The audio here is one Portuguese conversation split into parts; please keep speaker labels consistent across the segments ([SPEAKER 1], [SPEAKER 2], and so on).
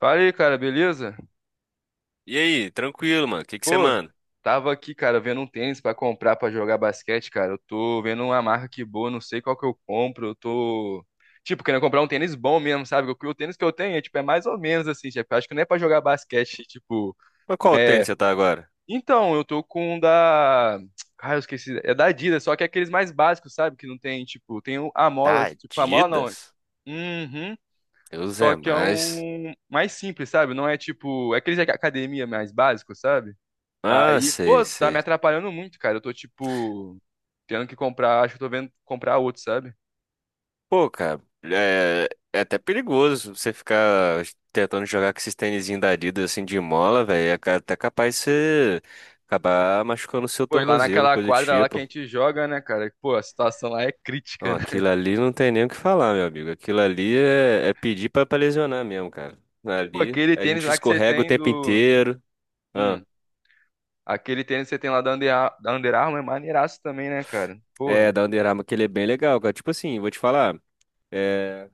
[SPEAKER 1] Fala aí, cara, beleza?
[SPEAKER 2] E aí, tranquilo, mano? O que que você
[SPEAKER 1] Pô,
[SPEAKER 2] manda?
[SPEAKER 1] tava aqui, cara, vendo um tênis pra comprar pra jogar basquete, cara. Eu tô vendo uma marca que boa, não sei qual que eu compro. Eu tô, tipo, querendo comprar um tênis bom mesmo, sabe? O tênis que eu tenho é, tipo, é mais ou menos assim, tipo, eu acho que não é pra jogar basquete, tipo,
[SPEAKER 2] Mas qual
[SPEAKER 1] né?
[SPEAKER 2] tênis você tá agora?
[SPEAKER 1] Então, eu tô com um da. Ah, eu esqueci. É da Adidas, só que é aqueles mais básicos, sabe? Que não tem, tipo, tem a mola,
[SPEAKER 2] Tá
[SPEAKER 1] tipo, a mola não.
[SPEAKER 2] Adidas?
[SPEAKER 1] Uhum.
[SPEAKER 2] Deus é
[SPEAKER 1] Só que é
[SPEAKER 2] mais.
[SPEAKER 1] um mais simples, sabe? Não é tipo. É aquele de academia mais básico, sabe?
[SPEAKER 2] Ah,
[SPEAKER 1] Aí,
[SPEAKER 2] sei,
[SPEAKER 1] pô, tá me
[SPEAKER 2] sei.
[SPEAKER 1] atrapalhando muito, cara. Eu tô, tipo, tendo que comprar. Acho que eu tô vendo comprar outro, sabe?
[SPEAKER 2] Pô, cara, é até perigoso você ficar tentando jogar com esses tênisinhos da Adidas assim de mola, velho. Até capaz de você acabar machucando o seu
[SPEAKER 1] Pô, e lá
[SPEAKER 2] tornozelo,
[SPEAKER 1] naquela
[SPEAKER 2] coisa do
[SPEAKER 1] quadra lá que a
[SPEAKER 2] tipo.
[SPEAKER 1] gente joga, né, cara? Pô, a situação lá é
[SPEAKER 2] Ó,
[SPEAKER 1] crítica, né?
[SPEAKER 2] aquilo ali não tem nem o que falar, meu amigo. Aquilo ali é pedir pra lesionar mesmo, cara.
[SPEAKER 1] Pô,
[SPEAKER 2] Ali
[SPEAKER 1] aquele
[SPEAKER 2] a
[SPEAKER 1] tênis
[SPEAKER 2] gente
[SPEAKER 1] lá que você
[SPEAKER 2] escorrega o
[SPEAKER 1] tem
[SPEAKER 2] tempo
[SPEAKER 1] do.
[SPEAKER 2] inteiro.
[SPEAKER 1] Hum, aquele tênis que você tem lá da Under Armour é maneiraço também, né, cara? Porra.
[SPEAKER 2] É, da Under Armour, que ele é bem legal, cara. Tipo assim, vou te falar, é,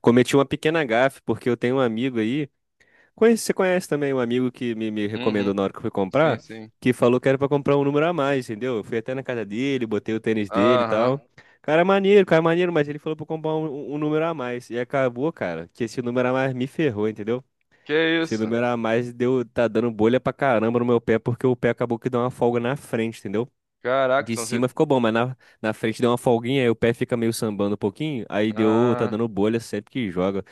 [SPEAKER 2] cometi uma pequena gafe, porque eu tenho um amigo aí, conhece, você conhece também um amigo que me recomendou
[SPEAKER 1] Uhum.
[SPEAKER 2] na hora que eu fui
[SPEAKER 1] Sim,
[SPEAKER 2] comprar,
[SPEAKER 1] sim.
[SPEAKER 2] que falou que era pra comprar um número a mais, entendeu? Eu fui até na casa dele, botei o tênis dele e
[SPEAKER 1] Aham.
[SPEAKER 2] tal. Cara, maneiro, mas ele falou pra eu comprar um número a mais. E acabou, cara, que esse número a mais me ferrou, entendeu?
[SPEAKER 1] Que
[SPEAKER 2] Esse
[SPEAKER 1] isso?
[SPEAKER 2] número a mais tá dando bolha pra caramba no meu pé, porque o pé acabou que deu uma folga na frente, entendeu?
[SPEAKER 1] Caraca,
[SPEAKER 2] De
[SPEAKER 1] então você.
[SPEAKER 2] cima ficou bom, mas na frente deu uma folguinha, aí o pé fica meio sambando um pouquinho, aí tá
[SPEAKER 1] Ah.
[SPEAKER 2] dando bolha sempre que joga.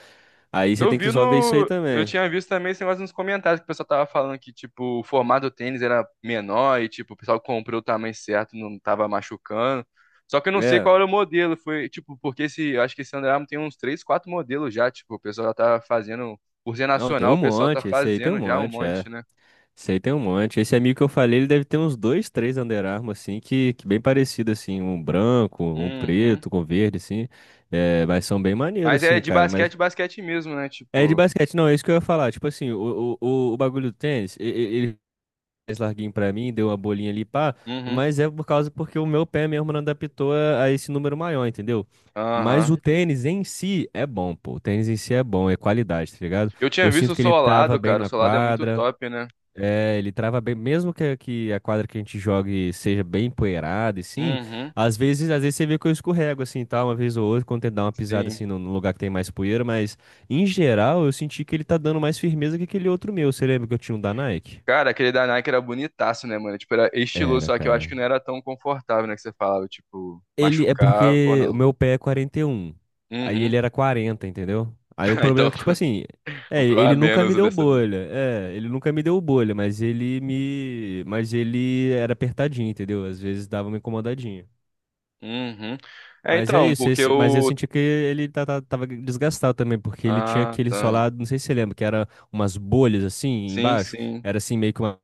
[SPEAKER 2] Aí você
[SPEAKER 1] Eu
[SPEAKER 2] tem
[SPEAKER 1] vi
[SPEAKER 2] que só ver isso aí
[SPEAKER 1] no. Eu
[SPEAKER 2] também.
[SPEAKER 1] tinha visto também esse negócio nos comentários que o pessoal tava falando que, tipo, o formato do tênis era menor e, tipo, o pessoal comprou o tamanho certo, não tava machucando. Só que eu não sei
[SPEAKER 2] É,
[SPEAKER 1] qual era o modelo. Foi, tipo, porque esse. Eu acho que esse Under Armour tem uns três, quatro modelos já. Tipo, o pessoal já tá fazendo. Por ser
[SPEAKER 2] não, tem
[SPEAKER 1] nacional,
[SPEAKER 2] um
[SPEAKER 1] o pessoal tá
[SPEAKER 2] monte, esse aí tem um
[SPEAKER 1] fazendo já um
[SPEAKER 2] monte, é.
[SPEAKER 1] monte, né?
[SPEAKER 2] Esse aí tem um monte. Esse amigo que eu falei, ele deve ter uns dois, três Under Armour, assim, que bem parecido, assim, um branco, um
[SPEAKER 1] Uhum.
[SPEAKER 2] preto, com verde, assim. É, mas são bem maneiros,
[SPEAKER 1] Mas é
[SPEAKER 2] assim,
[SPEAKER 1] de
[SPEAKER 2] cara, mas...
[SPEAKER 1] basquete, basquete mesmo, né?
[SPEAKER 2] É de
[SPEAKER 1] Tipo.
[SPEAKER 2] basquete, não, é isso que eu ia falar. Tipo assim, o bagulho do tênis, ele mais larguinho pra mim, deu uma bolinha ali, pá,
[SPEAKER 1] Uhum.
[SPEAKER 2] mas é por causa porque o meu pé mesmo não adaptou a esse número maior, entendeu? Mas o
[SPEAKER 1] Aham.
[SPEAKER 2] tênis em si é bom, pô. O tênis em si é bom, é qualidade, tá ligado?
[SPEAKER 1] Eu tinha
[SPEAKER 2] Eu
[SPEAKER 1] visto
[SPEAKER 2] sinto
[SPEAKER 1] o
[SPEAKER 2] que ele trava
[SPEAKER 1] Solado,
[SPEAKER 2] bem
[SPEAKER 1] cara. O
[SPEAKER 2] na
[SPEAKER 1] Solado é muito
[SPEAKER 2] quadra,
[SPEAKER 1] top, né?
[SPEAKER 2] é, ele trava bem, mesmo que a quadra que a gente jogue seja bem empoeirada, e sim,
[SPEAKER 1] Uhum.
[SPEAKER 2] às vezes você vê que eu escorrego assim, e tal, uma vez ou outra, quando tento dar uma pisada
[SPEAKER 1] Sim.
[SPEAKER 2] assim no lugar que tem mais poeira, mas em geral eu senti que ele tá dando mais firmeza que aquele outro meu. Você lembra que eu tinha um da Nike?
[SPEAKER 1] Cara, aquele da Nike era bonitaço, né, mano? Tipo, era estiloso,
[SPEAKER 2] Era,
[SPEAKER 1] só que eu acho
[SPEAKER 2] cara.
[SPEAKER 1] que não era tão confortável, né, que você falava, tipo,
[SPEAKER 2] Ele é
[SPEAKER 1] machucar ou
[SPEAKER 2] porque o
[SPEAKER 1] não.
[SPEAKER 2] meu pé é 41. Aí ele
[SPEAKER 1] Uhum.
[SPEAKER 2] era 40, entendeu? Aí o
[SPEAKER 1] Ah,
[SPEAKER 2] problema
[SPEAKER 1] então,
[SPEAKER 2] é que, tipo assim, é,
[SPEAKER 1] comprou a
[SPEAKER 2] ele nunca me
[SPEAKER 1] menos
[SPEAKER 2] deu
[SPEAKER 1] dessa vez.
[SPEAKER 2] bolha. É, ele nunca me deu bolha, mas ele me. Mas ele era apertadinho, entendeu? Às vezes dava uma incomodadinha.
[SPEAKER 1] Uhum. É,
[SPEAKER 2] Mas é
[SPEAKER 1] então,
[SPEAKER 2] isso,
[SPEAKER 1] porque
[SPEAKER 2] mas eu
[SPEAKER 1] o...
[SPEAKER 2] senti que ele tava desgastado também, porque ele tinha
[SPEAKER 1] Ah,
[SPEAKER 2] aquele
[SPEAKER 1] tá.
[SPEAKER 2] solado, não sei se você lembra, que era umas bolhas assim
[SPEAKER 1] Sim,
[SPEAKER 2] embaixo.
[SPEAKER 1] sim.
[SPEAKER 2] Era assim meio que uma.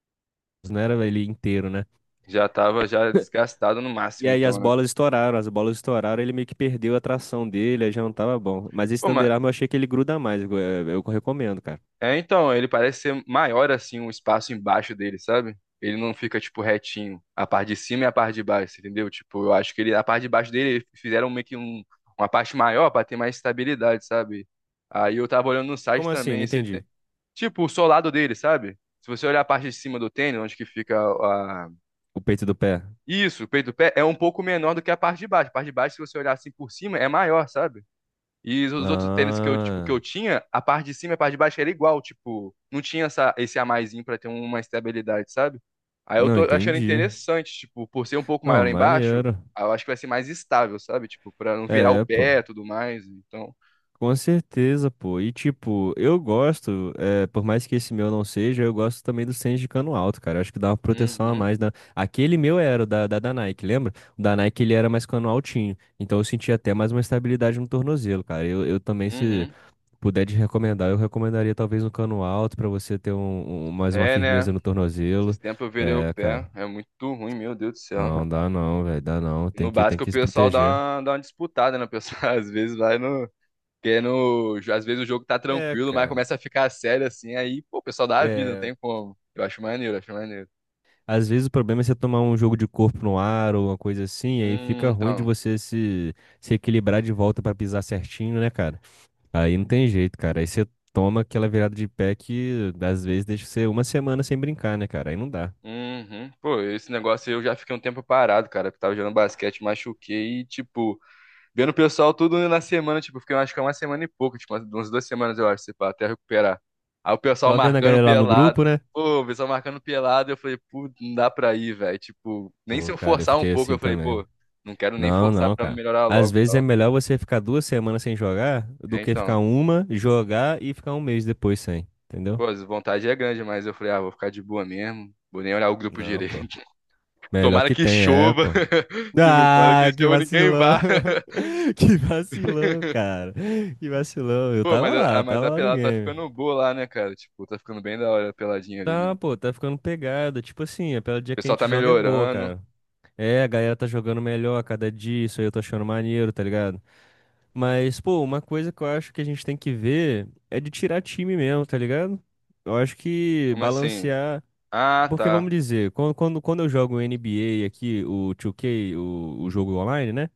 [SPEAKER 2] Não era ele inteiro, né?
[SPEAKER 1] Já tava já desgastado no
[SPEAKER 2] E
[SPEAKER 1] máximo,
[SPEAKER 2] aí
[SPEAKER 1] então, né?
[SPEAKER 2] as bolas estouraram, ele meio que perdeu a tração dele, aí já não tava bom. Mas esse
[SPEAKER 1] Pô, mas...
[SPEAKER 2] Thunderarm eu achei que ele gruda mais, eu recomendo, cara.
[SPEAKER 1] É, então, ele parece ser maior assim, um espaço embaixo dele, sabe? Ele não fica, tipo, retinho. A parte de cima e a parte de baixo, entendeu? Tipo, eu acho que ele, a parte de baixo dele, eles fizeram meio que uma parte maior pra ter mais estabilidade, sabe? Aí eu tava olhando no site
[SPEAKER 2] Como assim?
[SPEAKER 1] também
[SPEAKER 2] Não
[SPEAKER 1] esse.
[SPEAKER 2] entendi.
[SPEAKER 1] Tipo, o solado dele, sabe? Se você olhar a parte de cima do tênis, onde que fica a.
[SPEAKER 2] O peito do pé.
[SPEAKER 1] Isso, o peito do pé, é um pouco menor do que a parte de baixo. A parte de baixo, se você olhar assim por cima, é maior, sabe? E os outros tênis que eu, tipo, que
[SPEAKER 2] Ah,
[SPEAKER 1] eu tinha, a parte de cima e a parte de baixo era igual, tipo, não tinha esse a maisinho pra ter uma estabilidade, sabe? Aí eu
[SPEAKER 2] não
[SPEAKER 1] tô achando
[SPEAKER 2] entendi.
[SPEAKER 1] interessante, tipo, por ser um pouco
[SPEAKER 2] Não,
[SPEAKER 1] maior embaixo,
[SPEAKER 2] maneiro.
[SPEAKER 1] aí eu acho que vai ser mais estável, sabe? Tipo, pra não virar o
[SPEAKER 2] É, pô.
[SPEAKER 1] pé e tudo mais, então...
[SPEAKER 2] Com certeza, pô. E tipo, eu gosto, por mais que esse meu não seja, eu gosto também do Sense de cano alto, cara. Acho que dá uma proteção a
[SPEAKER 1] Uhum,
[SPEAKER 2] mais. Aquele meu era o da Nike, lembra? O da Nike ele era mais cano altinho. Então eu sentia até mais uma estabilidade no tornozelo, cara. Eu também, se
[SPEAKER 1] uhum.
[SPEAKER 2] puder te recomendar, eu recomendaria talvez um cano alto pra você ter mais uma
[SPEAKER 1] É, né?
[SPEAKER 2] firmeza no
[SPEAKER 1] Esses
[SPEAKER 2] tornozelo.
[SPEAKER 1] tempos eu virei o
[SPEAKER 2] É, cara.
[SPEAKER 1] pé, é muito ruim, meu Deus do céu.
[SPEAKER 2] Não, dá não, velho. Dá não.
[SPEAKER 1] No
[SPEAKER 2] Tem que, tem
[SPEAKER 1] básico o
[SPEAKER 2] que se
[SPEAKER 1] pessoal dá
[SPEAKER 2] proteger.
[SPEAKER 1] uma, dá uma disputada, né? O pessoal às vezes vai no... Porque no, às vezes o jogo tá
[SPEAKER 2] É,
[SPEAKER 1] tranquilo, mas
[SPEAKER 2] cara.
[SPEAKER 1] começa a ficar sério assim, aí, pô, o pessoal dá a vida, não tem como. Eu acho maneiro, acho maneiro.
[SPEAKER 2] Às vezes o problema é você tomar um jogo de corpo no ar ou uma coisa assim, e aí fica ruim de
[SPEAKER 1] Então.
[SPEAKER 2] você se equilibrar de volta pra pisar certinho, né, cara? Aí não tem jeito, cara. Aí você toma aquela virada de pé que às vezes deixa você uma semana sem brincar, né, cara? Aí não dá.
[SPEAKER 1] Uhum. Pô, esse negócio aí eu já fiquei um tempo parado, cara, porque tava jogando basquete, machuquei e, tipo, vendo o pessoal tudo na semana, tipo, fiquei, eu acho que é uma semana e pouco, tipo, umas 2 semanas, eu acho, sei lá, até recuperar. Aí o pessoal
[SPEAKER 2] Tava vendo a
[SPEAKER 1] marcando
[SPEAKER 2] galera lá no grupo,
[SPEAKER 1] pelado.
[SPEAKER 2] né?
[SPEAKER 1] Pô, o pessoal marcando pelado, eu falei, pô, não dá pra ir, velho. Tipo, nem se
[SPEAKER 2] Pô,
[SPEAKER 1] eu
[SPEAKER 2] cara, eu
[SPEAKER 1] forçar um
[SPEAKER 2] fiquei
[SPEAKER 1] pouco, eu
[SPEAKER 2] assim
[SPEAKER 1] falei,
[SPEAKER 2] também.
[SPEAKER 1] pô, não quero nem
[SPEAKER 2] Não,
[SPEAKER 1] forçar
[SPEAKER 2] não,
[SPEAKER 1] pra
[SPEAKER 2] cara.
[SPEAKER 1] melhorar
[SPEAKER 2] Às
[SPEAKER 1] logo.
[SPEAKER 2] vezes é
[SPEAKER 1] Tal.
[SPEAKER 2] melhor você ficar 2 semanas sem jogar do
[SPEAKER 1] É,
[SPEAKER 2] que ficar
[SPEAKER 1] então.
[SPEAKER 2] uma, jogar e ficar um mês depois sem, entendeu?
[SPEAKER 1] Pô, a vontade é grande, mas eu falei, ah, vou ficar de boa mesmo. Vou nem olhar o grupo
[SPEAKER 2] Não,
[SPEAKER 1] direito.
[SPEAKER 2] pô. Melhor
[SPEAKER 1] Tomara
[SPEAKER 2] que
[SPEAKER 1] que
[SPEAKER 2] tem, é,
[SPEAKER 1] chova.
[SPEAKER 2] pô.
[SPEAKER 1] Tipo, tomara que
[SPEAKER 2] Ah, que
[SPEAKER 1] chova, e ninguém
[SPEAKER 2] vacilão.
[SPEAKER 1] vá.
[SPEAKER 2] Que vacilão, cara. Que vacilão.
[SPEAKER 1] Pô, mas a,
[SPEAKER 2] Eu
[SPEAKER 1] mas
[SPEAKER 2] tava
[SPEAKER 1] a
[SPEAKER 2] lá no
[SPEAKER 1] pelada tá
[SPEAKER 2] game.
[SPEAKER 1] ficando boa lá, né, cara? Tipo, tá ficando bem da hora a peladinha ali, né? O
[SPEAKER 2] Tá, pô, tá ficando pegada. Tipo assim, a pela dia que a
[SPEAKER 1] pessoal tá
[SPEAKER 2] gente joga é boa,
[SPEAKER 1] melhorando.
[SPEAKER 2] cara. É, a galera tá jogando melhor a cada dia, isso aí eu tô achando maneiro, tá ligado? Mas, pô, uma coisa que eu acho que a gente tem que ver é de tirar time mesmo, tá ligado? Eu acho que
[SPEAKER 1] Como assim?
[SPEAKER 2] balancear.
[SPEAKER 1] Ah,
[SPEAKER 2] Porque
[SPEAKER 1] tá.
[SPEAKER 2] vamos dizer, quando eu jogo NBA aqui, o 2K, o jogo online, né?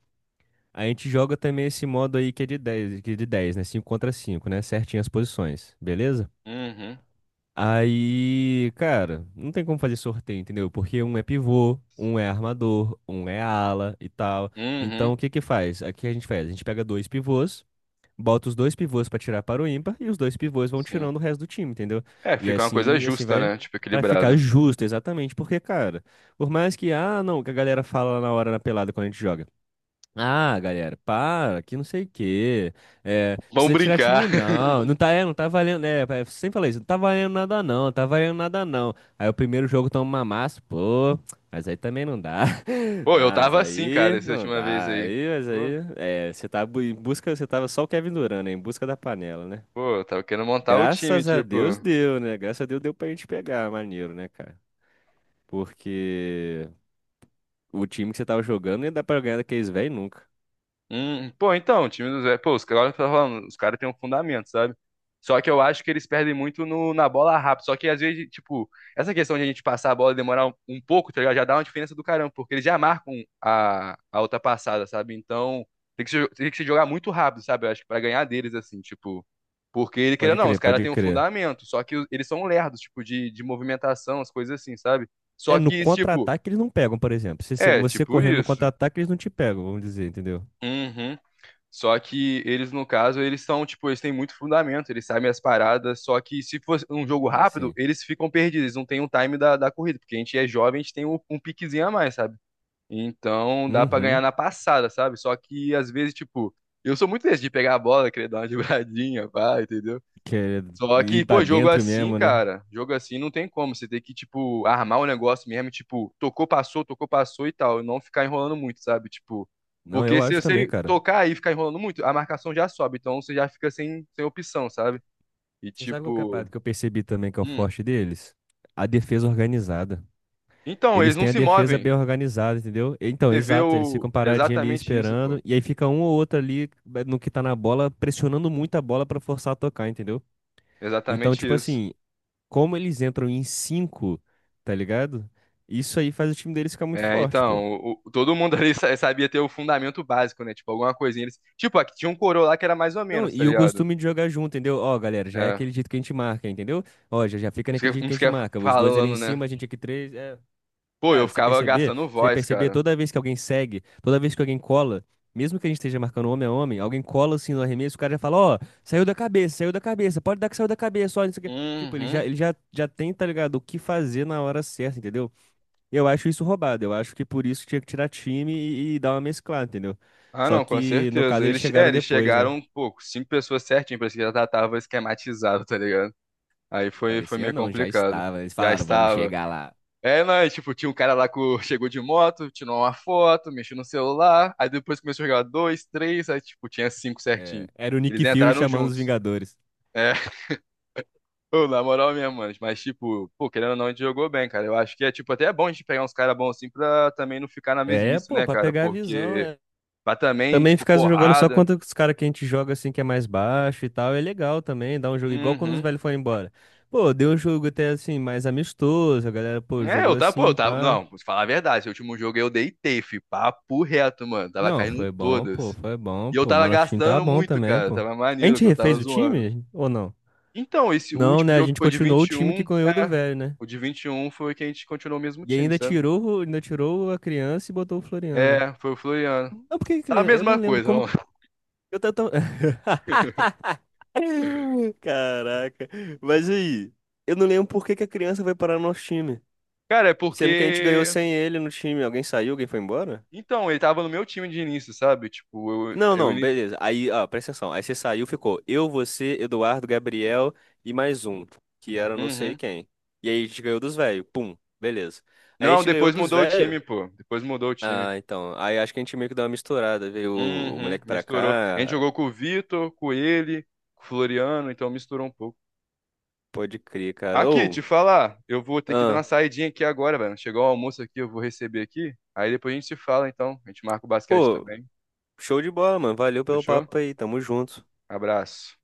[SPEAKER 2] A gente joga também esse modo aí que é de dez, né? Cinco contra cinco, né? Certinho as posições, beleza?
[SPEAKER 1] Uhum.
[SPEAKER 2] Aí, cara, não tem como fazer sorteio, entendeu? Porque um é pivô, um é armador, um é ala e tal.
[SPEAKER 1] Uhum.
[SPEAKER 2] Então, o que que faz? Aqui a gente faz, a gente pega dois pivôs, bota os dois pivôs pra tirar para o ímpar e os dois pivôs vão
[SPEAKER 1] Sim.
[SPEAKER 2] tirando o resto do time, entendeu?
[SPEAKER 1] É,
[SPEAKER 2] E
[SPEAKER 1] fica uma coisa
[SPEAKER 2] assim, e assim
[SPEAKER 1] justa,
[SPEAKER 2] vai,
[SPEAKER 1] né? Tipo,
[SPEAKER 2] pra ficar
[SPEAKER 1] equilibrada.
[SPEAKER 2] justo, exatamente, porque, cara, por mais que, ah, não, que a galera fala lá na hora na pelada quando a gente joga. Ah, galera, para, que não sei o quê. É,
[SPEAKER 1] Vamos
[SPEAKER 2] precisa tirar
[SPEAKER 1] brincar.
[SPEAKER 2] time, não. Não tá valendo. É, sempre falei isso, não tá valendo nada, não, não tá valendo nada, não. Aí o primeiro jogo toma uma massa, pô. Mas aí também não dá.
[SPEAKER 1] Pô,
[SPEAKER 2] Não,
[SPEAKER 1] eu
[SPEAKER 2] mas
[SPEAKER 1] tava assim, cara,
[SPEAKER 2] aí
[SPEAKER 1] essa
[SPEAKER 2] não
[SPEAKER 1] última vez
[SPEAKER 2] dá.
[SPEAKER 1] aí.
[SPEAKER 2] Aí, mas aí.
[SPEAKER 1] Pô,
[SPEAKER 2] É, você tá em busca, você tava só o Kevin Durant, né? Em busca da panela, né?
[SPEAKER 1] pô, eu tava querendo montar o time,
[SPEAKER 2] Graças a
[SPEAKER 1] tipo.
[SPEAKER 2] Deus deu, né? Graças a Deus deu pra gente pegar, maneiro, né, cara? Porque o time que você tava jogando não ia dar pra ganhar daqueles velhos nunca.
[SPEAKER 1] Pô, então, o time do Zé, pô, os caras tá falando, os caras têm um fundamento, sabe? Só que eu acho que eles perdem muito no, na bola rápida. Só que às vezes, tipo, essa questão de a gente passar a bola e demorar um pouco, tá ligado? Já dá uma diferença do caramba, porque eles já marcam a outra passada, sabe? Então, tem que se jogar muito rápido, sabe? Eu acho que pra ganhar deles, assim, tipo. Porque ele querendo,
[SPEAKER 2] Pode
[SPEAKER 1] ou não, os
[SPEAKER 2] crer,
[SPEAKER 1] caras
[SPEAKER 2] pode
[SPEAKER 1] têm um
[SPEAKER 2] crer.
[SPEAKER 1] fundamento, só que eles são lerdos, tipo, de movimentação, as coisas assim, sabe?
[SPEAKER 2] É,
[SPEAKER 1] Só
[SPEAKER 2] no
[SPEAKER 1] que, tipo,
[SPEAKER 2] contra-ataque eles não pegam, por exemplo. Se
[SPEAKER 1] é,
[SPEAKER 2] você
[SPEAKER 1] tipo
[SPEAKER 2] correndo no
[SPEAKER 1] isso.
[SPEAKER 2] contra-ataque, eles não te pegam, vamos dizer, entendeu?
[SPEAKER 1] Uhum. Só que eles, no caso, eles são, tipo, eles têm muito fundamento, eles sabem as paradas, só que se for um jogo
[SPEAKER 2] Sim,
[SPEAKER 1] rápido,
[SPEAKER 2] sim.
[SPEAKER 1] eles ficam perdidos, eles não têm o time da corrida, porque a gente é jovem, a gente tem um piquezinho a mais, sabe? Então dá pra ganhar
[SPEAKER 2] Uhum.
[SPEAKER 1] na passada, sabe? Só que às vezes, tipo, eu sou muito desse de pegar a bola, querer dar uma dribladinha, pá, entendeu?
[SPEAKER 2] Quer
[SPEAKER 1] Só
[SPEAKER 2] ir
[SPEAKER 1] que,
[SPEAKER 2] pra
[SPEAKER 1] pô, jogo
[SPEAKER 2] dentro
[SPEAKER 1] assim,
[SPEAKER 2] mesmo, né?
[SPEAKER 1] cara, jogo assim não tem como. Você tem que, tipo, armar o negócio mesmo, tipo, tocou, passou e tal. E não ficar enrolando muito, sabe? Tipo,
[SPEAKER 2] Não,
[SPEAKER 1] porque
[SPEAKER 2] eu
[SPEAKER 1] se
[SPEAKER 2] acho também,
[SPEAKER 1] você
[SPEAKER 2] cara.
[SPEAKER 1] tocar e ficar enrolando muito, a marcação já sobe. Então você já fica sem opção, sabe? E
[SPEAKER 2] Você sabe qual que é a
[SPEAKER 1] tipo.
[SPEAKER 2] parada que eu percebi também que é o
[SPEAKER 1] Hum.
[SPEAKER 2] forte deles? A defesa organizada.
[SPEAKER 1] Então,
[SPEAKER 2] Eles
[SPEAKER 1] eles não
[SPEAKER 2] têm a
[SPEAKER 1] se
[SPEAKER 2] defesa
[SPEAKER 1] movem.
[SPEAKER 2] bem organizada, entendeu? Então,
[SPEAKER 1] Você vê
[SPEAKER 2] exato, eles
[SPEAKER 1] o.
[SPEAKER 2] ficam paradinhos ali
[SPEAKER 1] Exatamente isso, pô.
[SPEAKER 2] esperando, e aí fica um ou outro ali no que tá na bola, pressionando muito a bola pra forçar a tocar, entendeu? Então,
[SPEAKER 1] Exatamente
[SPEAKER 2] tipo
[SPEAKER 1] isso.
[SPEAKER 2] assim, como eles entram em cinco, tá ligado? Isso aí faz o time deles ficar muito
[SPEAKER 1] É,
[SPEAKER 2] forte, pô.
[SPEAKER 1] então, todo mundo ali sabia ter o fundamento básico, né? Tipo, alguma coisinha. Eles... Tipo, aqui tinha um coroa lá que era mais ou
[SPEAKER 2] Não,
[SPEAKER 1] menos, tá
[SPEAKER 2] e o
[SPEAKER 1] ligado?
[SPEAKER 2] costume de jogar junto, entendeu? Ó, galera, já é
[SPEAKER 1] É.
[SPEAKER 2] aquele jeito que a gente marca, entendeu? Ó, já fica naquele jeito
[SPEAKER 1] Como
[SPEAKER 2] que a
[SPEAKER 1] você
[SPEAKER 2] gente
[SPEAKER 1] quer
[SPEAKER 2] marca. Os dois ali em
[SPEAKER 1] falando, né?
[SPEAKER 2] cima, a gente aqui três. É...
[SPEAKER 1] Pô, eu
[SPEAKER 2] Cara,
[SPEAKER 1] ficava gastando
[SPEAKER 2] você
[SPEAKER 1] voz,
[SPEAKER 2] perceber
[SPEAKER 1] cara.
[SPEAKER 2] toda vez que alguém segue, toda vez que alguém cola, mesmo que a gente esteja marcando homem a homem, alguém cola assim no arremesso, o cara já fala, ó, saiu da cabeça, pode dar que saiu da cabeça, ó, não sei o quê. Tipo, ele já,
[SPEAKER 1] Uhum.
[SPEAKER 2] ele já, já tem, tá ligado, o que fazer na hora certa, entendeu? Eu acho isso roubado. Eu acho que por isso tinha que tirar time e dar uma mesclada, entendeu?
[SPEAKER 1] Ah,
[SPEAKER 2] Só
[SPEAKER 1] não, com
[SPEAKER 2] que, no
[SPEAKER 1] certeza.
[SPEAKER 2] caso, eles
[SPEAKER 1] Eles, é,
[SPEAKER 2] chegaram
[SPEAKER 1] eles
[SPEAKER 2] depois, né?
[SPEAKER 1] chegaram, pô, com cinco pessoas certinho, parece que já tava esquematizado, tá ligado? Aí foi
[SPEAKER 2] Parecia
[SPEAKER 1] meio
[SPEAKER 2] não, já
[SPEAKER 1] complicado.
[SPEAKER 2] estava. Eles
[SPEAKER 1] Já
[SPEAKER 2] falaram, vamos
[SPEAKER 1] estava.
[SPEAKER 2] chegar lá.
[SPEAKER 1] É, não, e, tipo, tinha um cara lá que chegou de moto, tirou uma foto, mexeu no celular, aí depois começou a jogar dois, três, aí, tipo, tinha cinco
[SPEAKER 2] É,
[SPEAKER 1] certinho.
[SPEAKER 2] era o
[SPEAKER 1] Eles
[SPEAKER 2] Nick Fury
[SPEAKER 1] entraram
[SPEAKER 2] chamando os
[SPEAKER 1] juntos.
[SPEAKER 2] Vingadores.
[SPEAKER 1] É, ô, na moral mesmo, mano. Mas, tipo, pô, querendo ou não, a gente jogou bem, cara. Eu acho que é, tipo, até é bom a gente pegar uns caras bons assim pra também não ficar na
[SPEAKER 2] É,
[SPEAKER 1] mesmice,
[SPEAKER 2] pô,
[SPEAKER 1] né,
[SPEAKER 2] pra
[SPEAKER 1] cara?
[SPEAKER 2] pegar a visão,
[SPEAKER 1] Porque
[SPEAKER 2] é.
[SPEAKER 1] pra também,
[SPEAKER 2] Também
[SPEAKER 1] tipo,
[SPEAKER 2] ficar jogando só
[SPEAKER 1] porrada.
[SPEAKER 2] contra os caras que a gente joga assim, que é mais baixo e tal, é legal também, dá um jogo igual quando os
[SPEAKER 1] Uhum.
[SPEAKER 2] velhos foram embora. Pô, deu um jogo até assim, mais amistoso, a galera, pô,
[SPEAKER 1] É,
[SPEAKER 2] jogou
[SPEAKER 1] eu tava, pô, eu
[SPEAKER 2] assim,
[SPEAKER 1] tava.
[SPEAKER 2] pá.
[SPEAKER 1] Não, vou te falar a verdade. Esse último jogo eu deitei, fi. Papo reto, mano. Tava
[SPEAKER 2] Não,
[SPEAKER 1] caindo
[SPEAKER 2] foi bom, pô,
[SPEAKER 1] todas.
[SPEAKER 2] foi bom,
[SPEAKER 1] E eu
[SPEAKER 2] pô.
[SPEAKER 1] tava
[SPEAKER 2] Mas nosso time tava
[SPEAKER 1] gastando
[SPEAKER 2] bom
[SPEAKER 1] muito,
[SPEAKER 2] também,
[SPEAKER 1] cara.
[SPEAKER 2] pô.
[SPEAKER 1] Tava
[SPEAKER 2] A
[SPEAKER 1] maneiro
[SPEAKER 2] gente
[SPEAKER 1] que eu tava
[SPEAKER 2] refez o
[SPEAKER 1] zoando.
[SPEAKER 2] time ou não?
[SPEAKER 1] Então, esse
[SPEAKER 2] Não,
[SPEAKER 1] último
[SPEAKER 2] né? A
[SPEAKER 1] jogo que
[SPEAKER 2] gente
[SPEAKER 1] foi de
[SPEAKER 2] continuou o
[SPEAKER 1] vinte e
[SPEAKER 2] time
[SPEAKER 1] um
[SPEAKER 2] que ganhou do
[SPEAKER 1] é.
[SPEAKER 2] velho, né?
[SPEAKER 1] O de 21 foi que a gente continuou o mesmo
[SPEAKER 2] E
[SPEAKER 1] time, sabe?
[SPEAKER 2] ainda tirou a criança e botou o Floriano.
[SPEAKER 1] É, foi o Floriano.
[SPEAKER 2] Não, porque
[SPEAKER 1] Tá a
[SPEAKER 2] criança, eu não
[SPEAKER 1] mesma
[SPEAKER 2] lembro
[SPEAKER 1] coisa,
[SPEAKER 2] como
[SPEAKER 1] ó.
[SPEAKER 2] eu tô tão... Caraca. Mas aí, eu não lembro por que que a criança vai parar no nosso time,
[SPEAKER 1] Cara, é
[SPEAKER 2] sendo que a gente ganhou
[SPEAKER 1] porque.
[SPEAKER 2] sem ele no time. Alguém saiu, alguém foi embora?
[SPEAKER 1] Então, ele tava no meu time de início, sabe? Tipo, eu,
[SPEAKER 2] Não,
[SPEAKER 1] eu
[SPEAKER 2] não,
[SPEAKER 1] ini-.
[SPEAKER 2] beleza. Aí, ó, presta atenção. Aí você saiu, ficou eu, você, Eduardo, Gabriel e mais um, que era não sei
[SPEAKER 1] Uhum.
[SPEAKER 2] quem. E aí a gente ganhou dos velhos. Pum, beleza. Aí a
[SPEAKER 1] Não,
[SPEAKER 2] gente ganhou
[SPEAKER 1] depois
[SPEAKER 2] dos
[SPEAKER 1] mudou o
[SPEAKER 2] velhos.
[SPEAKER 1] time, pô. Depois mudou o time.
[SPEAKER 2] Ah, então. Aí acho que a gente meio que deu uma misturada. Veio o
[SPEAKER 1] Uhum,
[SPEAKER 2] moleque pra
[SPEAKER 1] misturou. A gente
[SPEAKER 2] cá.
[SPEAKER 1] jogou com o Vitor, com ele, com o Floriano, então misturou um pouco.
[SPEAKER 2] Pode crer, cara.
[SPEAKER 1] Aqui,
[SPEAKER 2] Ô,
[SPEAKER 1] te falar, eu vou ter que dar uma
[SPEAKER 2] ah,
[SPEAKER 1] saidinha aqui agora, velho. Chegou o almoço aqui, eu vou receber aqui. Aí depois a gente se fala, então. A gente marca o basquete
[SPEAKER 2] pô,
[SPEAKER 1] também.
[SPEAKER 2] show de bola, mano. Valeu pelo
[SPEAKER 1] Fechou?
[SPEAKER 2] papo aí. Tamo junto.
[SPEAKER 1] Abraço.